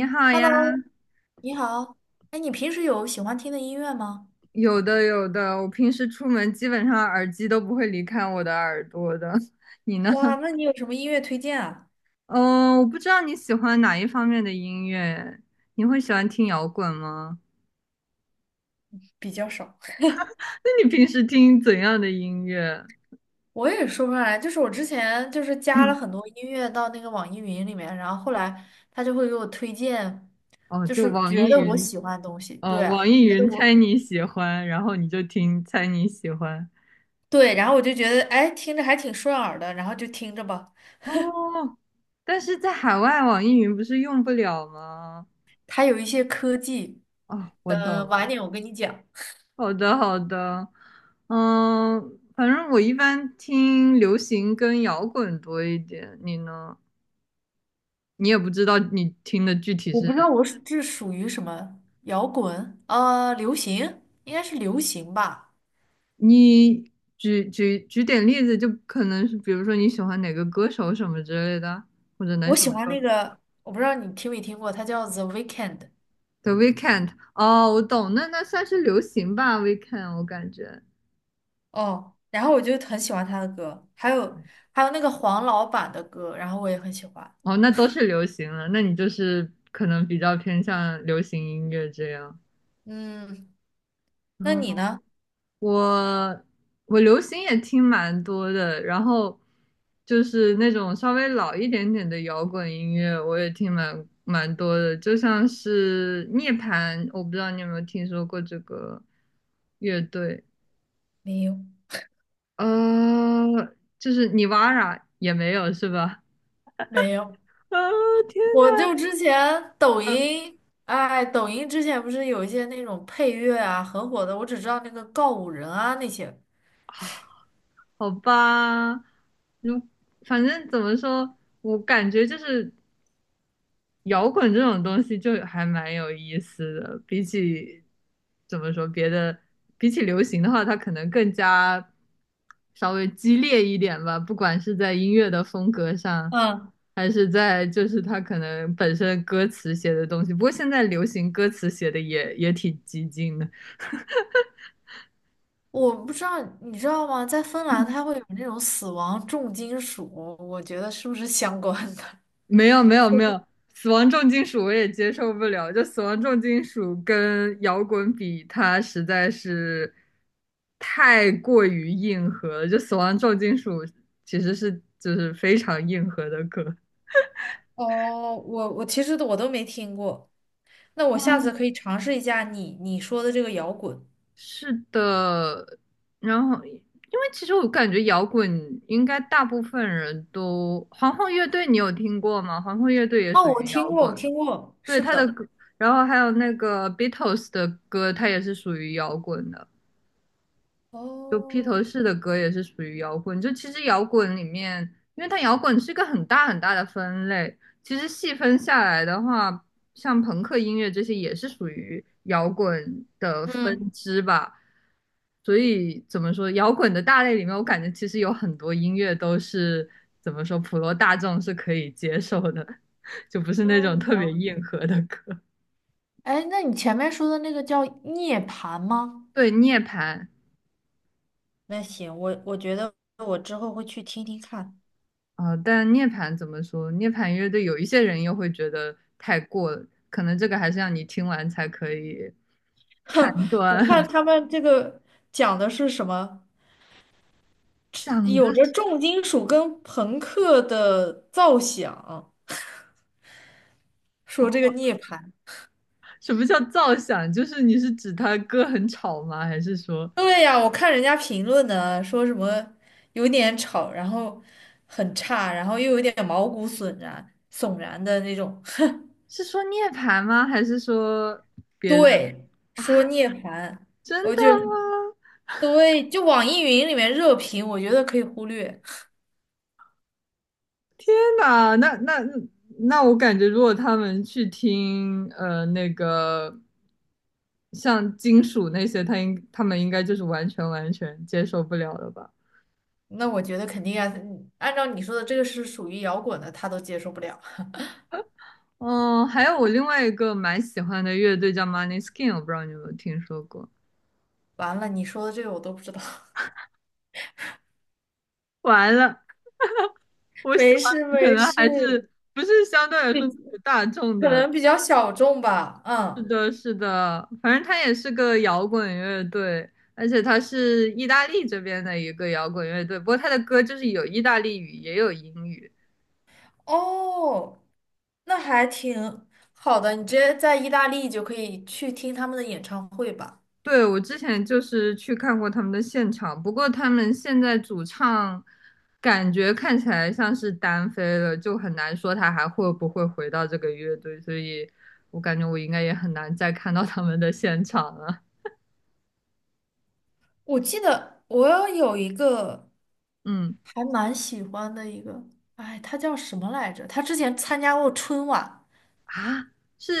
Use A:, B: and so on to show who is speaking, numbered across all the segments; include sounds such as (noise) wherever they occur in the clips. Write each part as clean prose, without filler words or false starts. A: 你好呀，
B: Hello，你好。哎，你平时有喜欢听的音乐吗？
A: 有的有的，我平时出门基本上耳机都不会离开我的耳朵的。(laughs) 你呢？
B: 哇，
A: (laughs)
B: 那你有什么音乐推荐啊？
A: 嗯，我不知道你喜欢哪一方面的音乐，你会喜欢听摇滚吗？
B: 比较少。(laughs)
A: (laughs) 那你平时听怎样的音乐？
B: 我也说不上来，就是我之前就是加了
A: 嗯，
B: 很多音乐到那个网易云里面，然后后来他就会给我推荐，
A: 哦，
B: 就
A: 就
B: 是
A: 网
B: 觉
A: 易
B: 得我
A: 云，
B: 喜欢的东西。
A: 哦，
B: 对啊，
A: 网易
B: 觉得
A: 云猜
B: 我
A: 你喜欢，然后你就听猜你喜欢。
B: 对，然后我就觉得，哎，听着还挺顺耳的，然后就听着吧。
A: 哦，但是在海外网易云不是用不了吗？
B: 它有一些科技，
A: 哦，我懂
B: 晚
A: 了。
B: 点我跟你讲。
A: 好的，好的，嗯，反正我一般听流行跟摇滚多一点，你呢？你也不知道你听的具体
B: 我
A: 是，
B: 不知道我是这属于什么摇滚，流行，应该是流行吧。
A: 你举点例子，就可能是比如说你喜欢哪个歌手什么之类的，或者哪
B: 我
A: 首
B: 喜欢那
A: 歌
B: 个，我不知道你听没听过，他叫 The Weeknd e。
A: ？The Weeknd，哦，我懂，那那算是流行吧，Weeknd，我感觉，
B: 哦，然后我就很喜欢他的歌，还有那个黄老板的歌，然后我也很喜欢。
A: 哦，那都是流行了，那你就是可能比较偏向流行音乐这样。
B: 嗯，那你
A: 哦
B: 呢？
A: 我我流行也听蛮多的，然后就是那种稍微老一点点的摇滚音乐，我也听蛮多的，就像是涅槃，我不知道你有没有听说过这个乐队，
B: 没有，
A: 呃，就是尼瓦拉也没有是吧？
B: 没有，
A: (laughs) 啊，天
B: 我就
A: 呐，
B: 之前抖
A: 嗯，
B: 音，哎，抖音之前不是有一些那种配乐啊，很火的，我只知道那个告五人啊那些，
A: 好吧，如反正怎么说，我感觉就是。摇滚这种东西就还蛮有意思的，比起怎么说别的，比起流行的话，它可能更加稍微激烈一点吧，不管是在音乐的风格上，
B: 嗯，
A: 还是在就是它可能本身歌词写的东西。不过现在流行歌词写的也挺激进的，
B: 我不知道你知道吗？在芬兰，它会有那种死亡重金属，我觉得是不是相关的？
A: 没有没有没有，死亡重金属我也接受不了，就死亡重金属跟摇滚比，它实在是太过于硬核了。就死亡重金属其实是就是非常硬核的歌。
B: 哦，我其实都没听过，那我下次
A: 嗯，
B: 可以尝试一下你说的这个摇滚。
A: (laughs) 是的，然后因为其实我感觉摇滚应该大部分人都，皇后乐队你有听过吗？皇后乐队也
B: 哦，
A: 属
B: 我
A: 于
B: 听
A: 摇
B: 过，我
A: 滚。
B: 听过，
A: 对
B: 是
A: 他的
B: 的，
A: 歌，然后还有那个 Beatles 的歌，它也是属于摇滚的。就披
B: 哦
A: 头士的歌也是属于摇滚。就其实摇滚里面，因为它摇滚是一个很大很大的分类，其实细分下来的话，像朋克音乐这些也是属于摇滚的分
B: 嗯，
A: 支吧。所以怎么说，摇滚的大类里面，我感觉其实有很多音乐都是怎么说，普罗大众是可以接受的，(laughs) 就不是那
B: 哦，
A: 种特别
B: 了。
A: 硬核的歌。
B: 哎，那你前面说的那个叫涅槃吗？
A: 对涅槃
B: 那行，我觉得我之后会去听听看。
A: 但涅槃怎么说？涅槃乐队有一些人又会觉得太过了，可能这个还是让你听完才可以
B: (laughs)
A: (laughs) 判
B: 哼，我看
A: 断。
B: 他
A: (laughs)
B: 们这个讲的是什么，
A: 讲的
B: 有着
A: 是
B: 重金属跟朋克的造响，说这
A: 哦
B: 个涅槃。
A: 什么叫造响？就是你是指他歌很吵吗？还是说
B: 对呀，我看人家评论呢，说什么有点吵，然后很差，然后又有点毛骨悚然、的那种。
A: 是说涅槃吗？还是说别的
B: 对，
A: (laughs) 啊？
B: 说聂槃，
A: 真
B: 我
A: 的
B: 觉得
A: 吗？
B: 对，就网易云里面热评，我觉得可以忽略。
A: 天哪，那我感觉，如果他们去听那个像金属那些，他们应该就是完全完全接受不了的吧？
B: 那我觉得肯定啊，嗯按照你说的，这个是属于摇滚的，他都接受不了。
A: 嗯，还有我另外一个蛮喜欢的乐队叫 m o n e y s k i n 我不知道你有没有听说过。
B: 完了，你说的这个我都不知道。
A: 完了，
B: (laughs)
A: 我喜
B: 没
A: 欢
B: 事
A: 的可
B: 没
A: 能
B: 事，
A: 还是不是相对来说大众
B: 可
A: 的
B: 能比较小众吧，
A: 是
B: 嗯。
A: 的，是的，反正他也是个摇滚乐队，而且他是意大利这边的一个摇滚乐队。不过他的歌就是有意大利语，也有英语。
B: 哦，那还挺好的，你直接在意大利就可以去听他们的演唱会吧。
A: 对，我之前就是去看过他们的现场，不过他们现在主唱感觉看起来像是单飞了，就很难说他还会不会回到这个乐队，所以我感觉我应该也很难再看到他们的现场了。
B: 我记得我有一个
A: 嗯，
B: 还蛮喜欢的一个，哎，他叫什么来着？他之前参加过春晚，
A: 啊，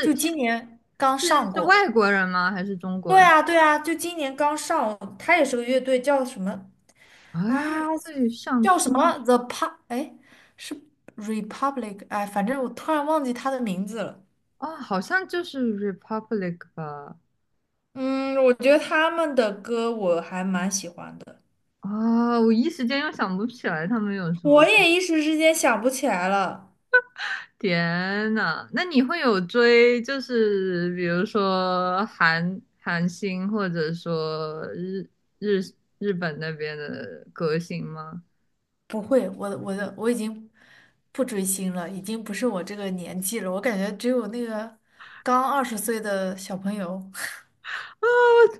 B: 就
A: 是
B: 今年刚
A: 是
B: 上
A: 是
B: 过。
A: 外国人吗？还是中
B: 对
A: 国人？
B: 啊，对啊，就今年刚上，他也是个乐队，叫什么
A: 啊，
B: 啊？
A: 乐队上
B: 叫什
A: 春
B: 么 The Pa？哎，是 Republic？哎，反正我突然忘记他的名字了。
A: 啊，好像就是 Republic 吧？
B: 嗯，我觉得他们的歌我还蛮喜欢的，
A: 啊，我一时间又想不起来他们有什么
B: 我
A: 歌。
B: 也一时之间想不起来了。
A: 天呐，那你会有追，就是比如说韩星，或者说日日本那边的歌星吗？
B: 不会，我的我已经不追星了，已经不是我这个年纪了。我感觉只有那个刚20岁的小朋友。(laughs)
A: 啊，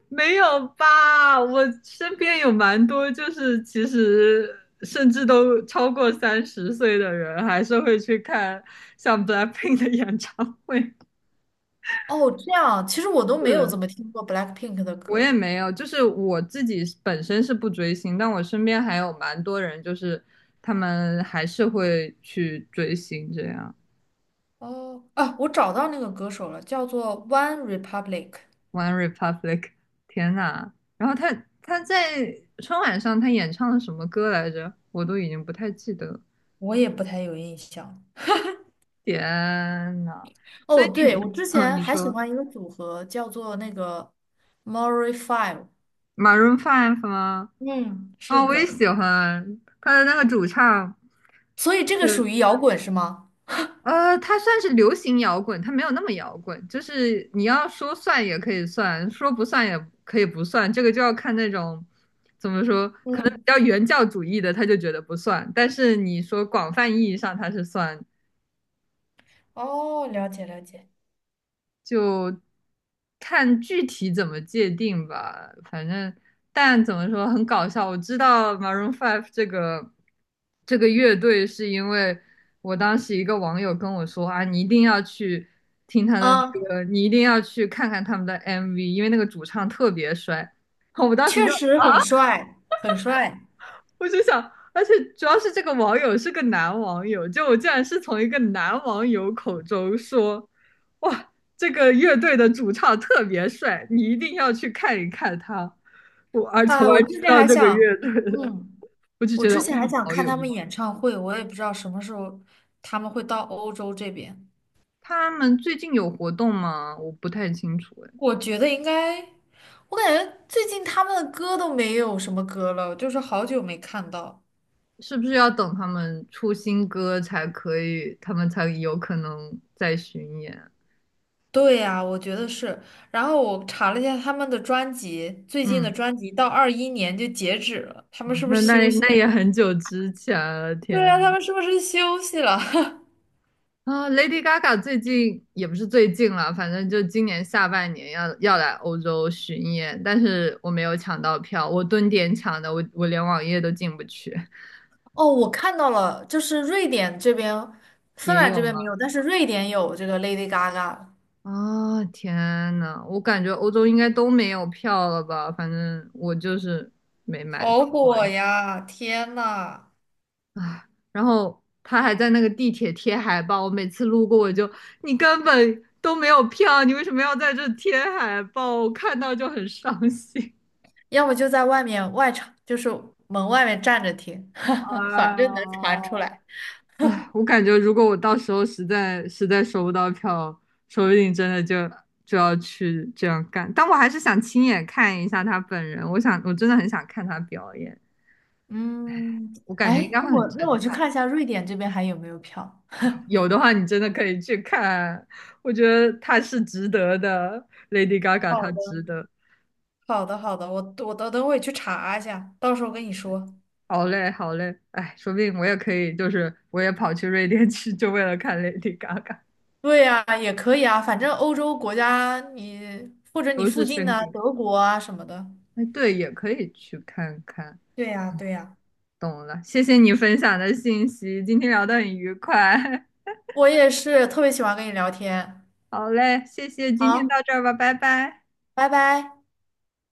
A: 没有吧？我身边有蛮多，就是其实甚至都超过30岁的人，还是会去看像 BLACKPINK 的演唱会。
B: 哦，这样，其实我都
A: (laughs)
B: 没有怎
A: 是，
B: 么听过 BLACKPINK 的
A: 我也
B: 歌。
A: 没有，就是我自己本身是不追星，但我身边还有蛮多人，就是他们还是会去追星这样。
B: 哦，啊，我找到那个歌手了，叫做 One Republic,
A: One Republic，天呐！然后他在春晚上他演唱了什么歌来着？我都已经不太记得了。
B: 我也不太有印象。
A: 天呐，所以
B: 哦，对，我
A: 你，
B: 之
A: 嗯，
B: 前
A: 你
B: 还喜
A: 说
B: 欢一个组合，叫做那个 m o r i Five。
A: Maroon Five 吗？
B: 嗯，是
A: 啊，我也
B: 的，
A: 喜欢他的那个主唱，
B: 所以这个属
A: 嗯，
B: 于摇滚是吗？
A: 呃，他算是流行摇滚，他没有那么摇滚，就是你要说算也可以算，说不算也可以不算，这个就要看那种怎么说，可能比
B: 嗯，
A: 较原教旨主义的，他就觉得不算，但是你说广泛意义上他是算
B: 哦，了解了解。
A: 就看具体怎么界定吧。反正，但怎么说很搞笑。我知道 Maroon Five 这个乐队，是因为我当时一个网友跟我说啊，你一定要去听他的
B: 啊，
A: 歌，你一定要去看看他们的 MV，因为那个主唱特别帅。(laughs) 我当时
B: 确
A: 就
B: 实很帅，很帅。
A: 我就想，而且主要是这个网友是个男网友，就我竟然是从一个男网友口中说，哇，这个乐队的主唱特别帅，你一定要去看一看他，我而从
B: 啊，
A: 而知道这个乐队的，
B: 嗯，
A: (laughs) 我就
B: 我
A: 觉
B: 之
A: 得
B: 前还
A: 哇，
B: 想
A: 好
B: 看
A: 有
B: 他
A: 意
B: 们
A: 思。
B: 演唱会，我也不知道什么时候他们会到欧洲这边。
A: 他们最近有活动吗？我不太清楚，哎，
B: 我觉得应该，我感觉最近他们的歌都没有什么歌了，就是好久没看到。
A: 是不是要等他们出新歌才可以，他们才有可能再巡演？
B: 对呀，我觉得是。然后我查了一下他们的专辑，最近的
A: 嗯，
B: 专辑到21年就截止了，他们是不
A: 那
B: 是休
A: 那
B: 息
A: 那也
B: 了？
A: 很久之前了，
B: 对呀，他
A: 天。
B: 们是不是休息了？
A: 啊，Lady Gaga 最近也不是最近了，反正就今年下半年要来欧洲巡演，但是我没有抢到票，我蹲点抢的，我连网页都进不去。
B: (laughs) 哦，我看到了，就是瑞典这边，芬
A: 也
B: 兰
A: 有
B: 这边没
A: 吗？
B: 有，但是瑞典有这个 Lady Gaga,
A: 啊，天呐，我感觉欧洲应该都没有票了吧？反正我就是没买到，
B: 好火
A: 完
B: 呀！天呐，
A: 全啊。然后他还在那个地铁贴海报，我每次路过我就，你根本都没有票，你为什么要在这贴海报？我看到就很伤心。
B: 要么就在外面外场，就是门外面站着听，(laughs) 反正能传出
A: 哦，
B: 来。
A: 哎，我感觉如果我到时候实在实在收不到票，说不定真的就要去这样干。但我还是想亲眼看一下他本人，我想我真的很想看他表演，
B: 嗯，
A: 我感觉应
B: 哎，
A: 该
B: 那
A: 会很
B: 我
A: 震
B: 那我去
A: 撼。
B: 看一下瑞典这边还有没有票。
A: 有的话，你真的可以去看，我觉得他是值得的，Lady Gaga 他
B: 好的。
A: 值得。
B: 好的，好的，我等等会去查一下，到时候跟你说。
A: 好嘞，好嘞，哎，说不定我也可以，就是我也跑去瑞典去，就为了看 Lady Gaga，
B: 对呀，也可以啊，反正欧洲国家你或者你
A: 都是
B: 附近
A: 生
B: 的
A: 格。
B: 德国啊什么的，
A: 哎，对，也可以去看看。
B: 对呀，对呀，
A: 懂了，谢谢你分享的信息，今天聊得很愉快。(laughs)
B: 我也是特别喜欢跟你聊天。
A: 好嘞，谢谢，今天到
B: 好，
A: 这儿吧，拜拜。
B: 拜拜。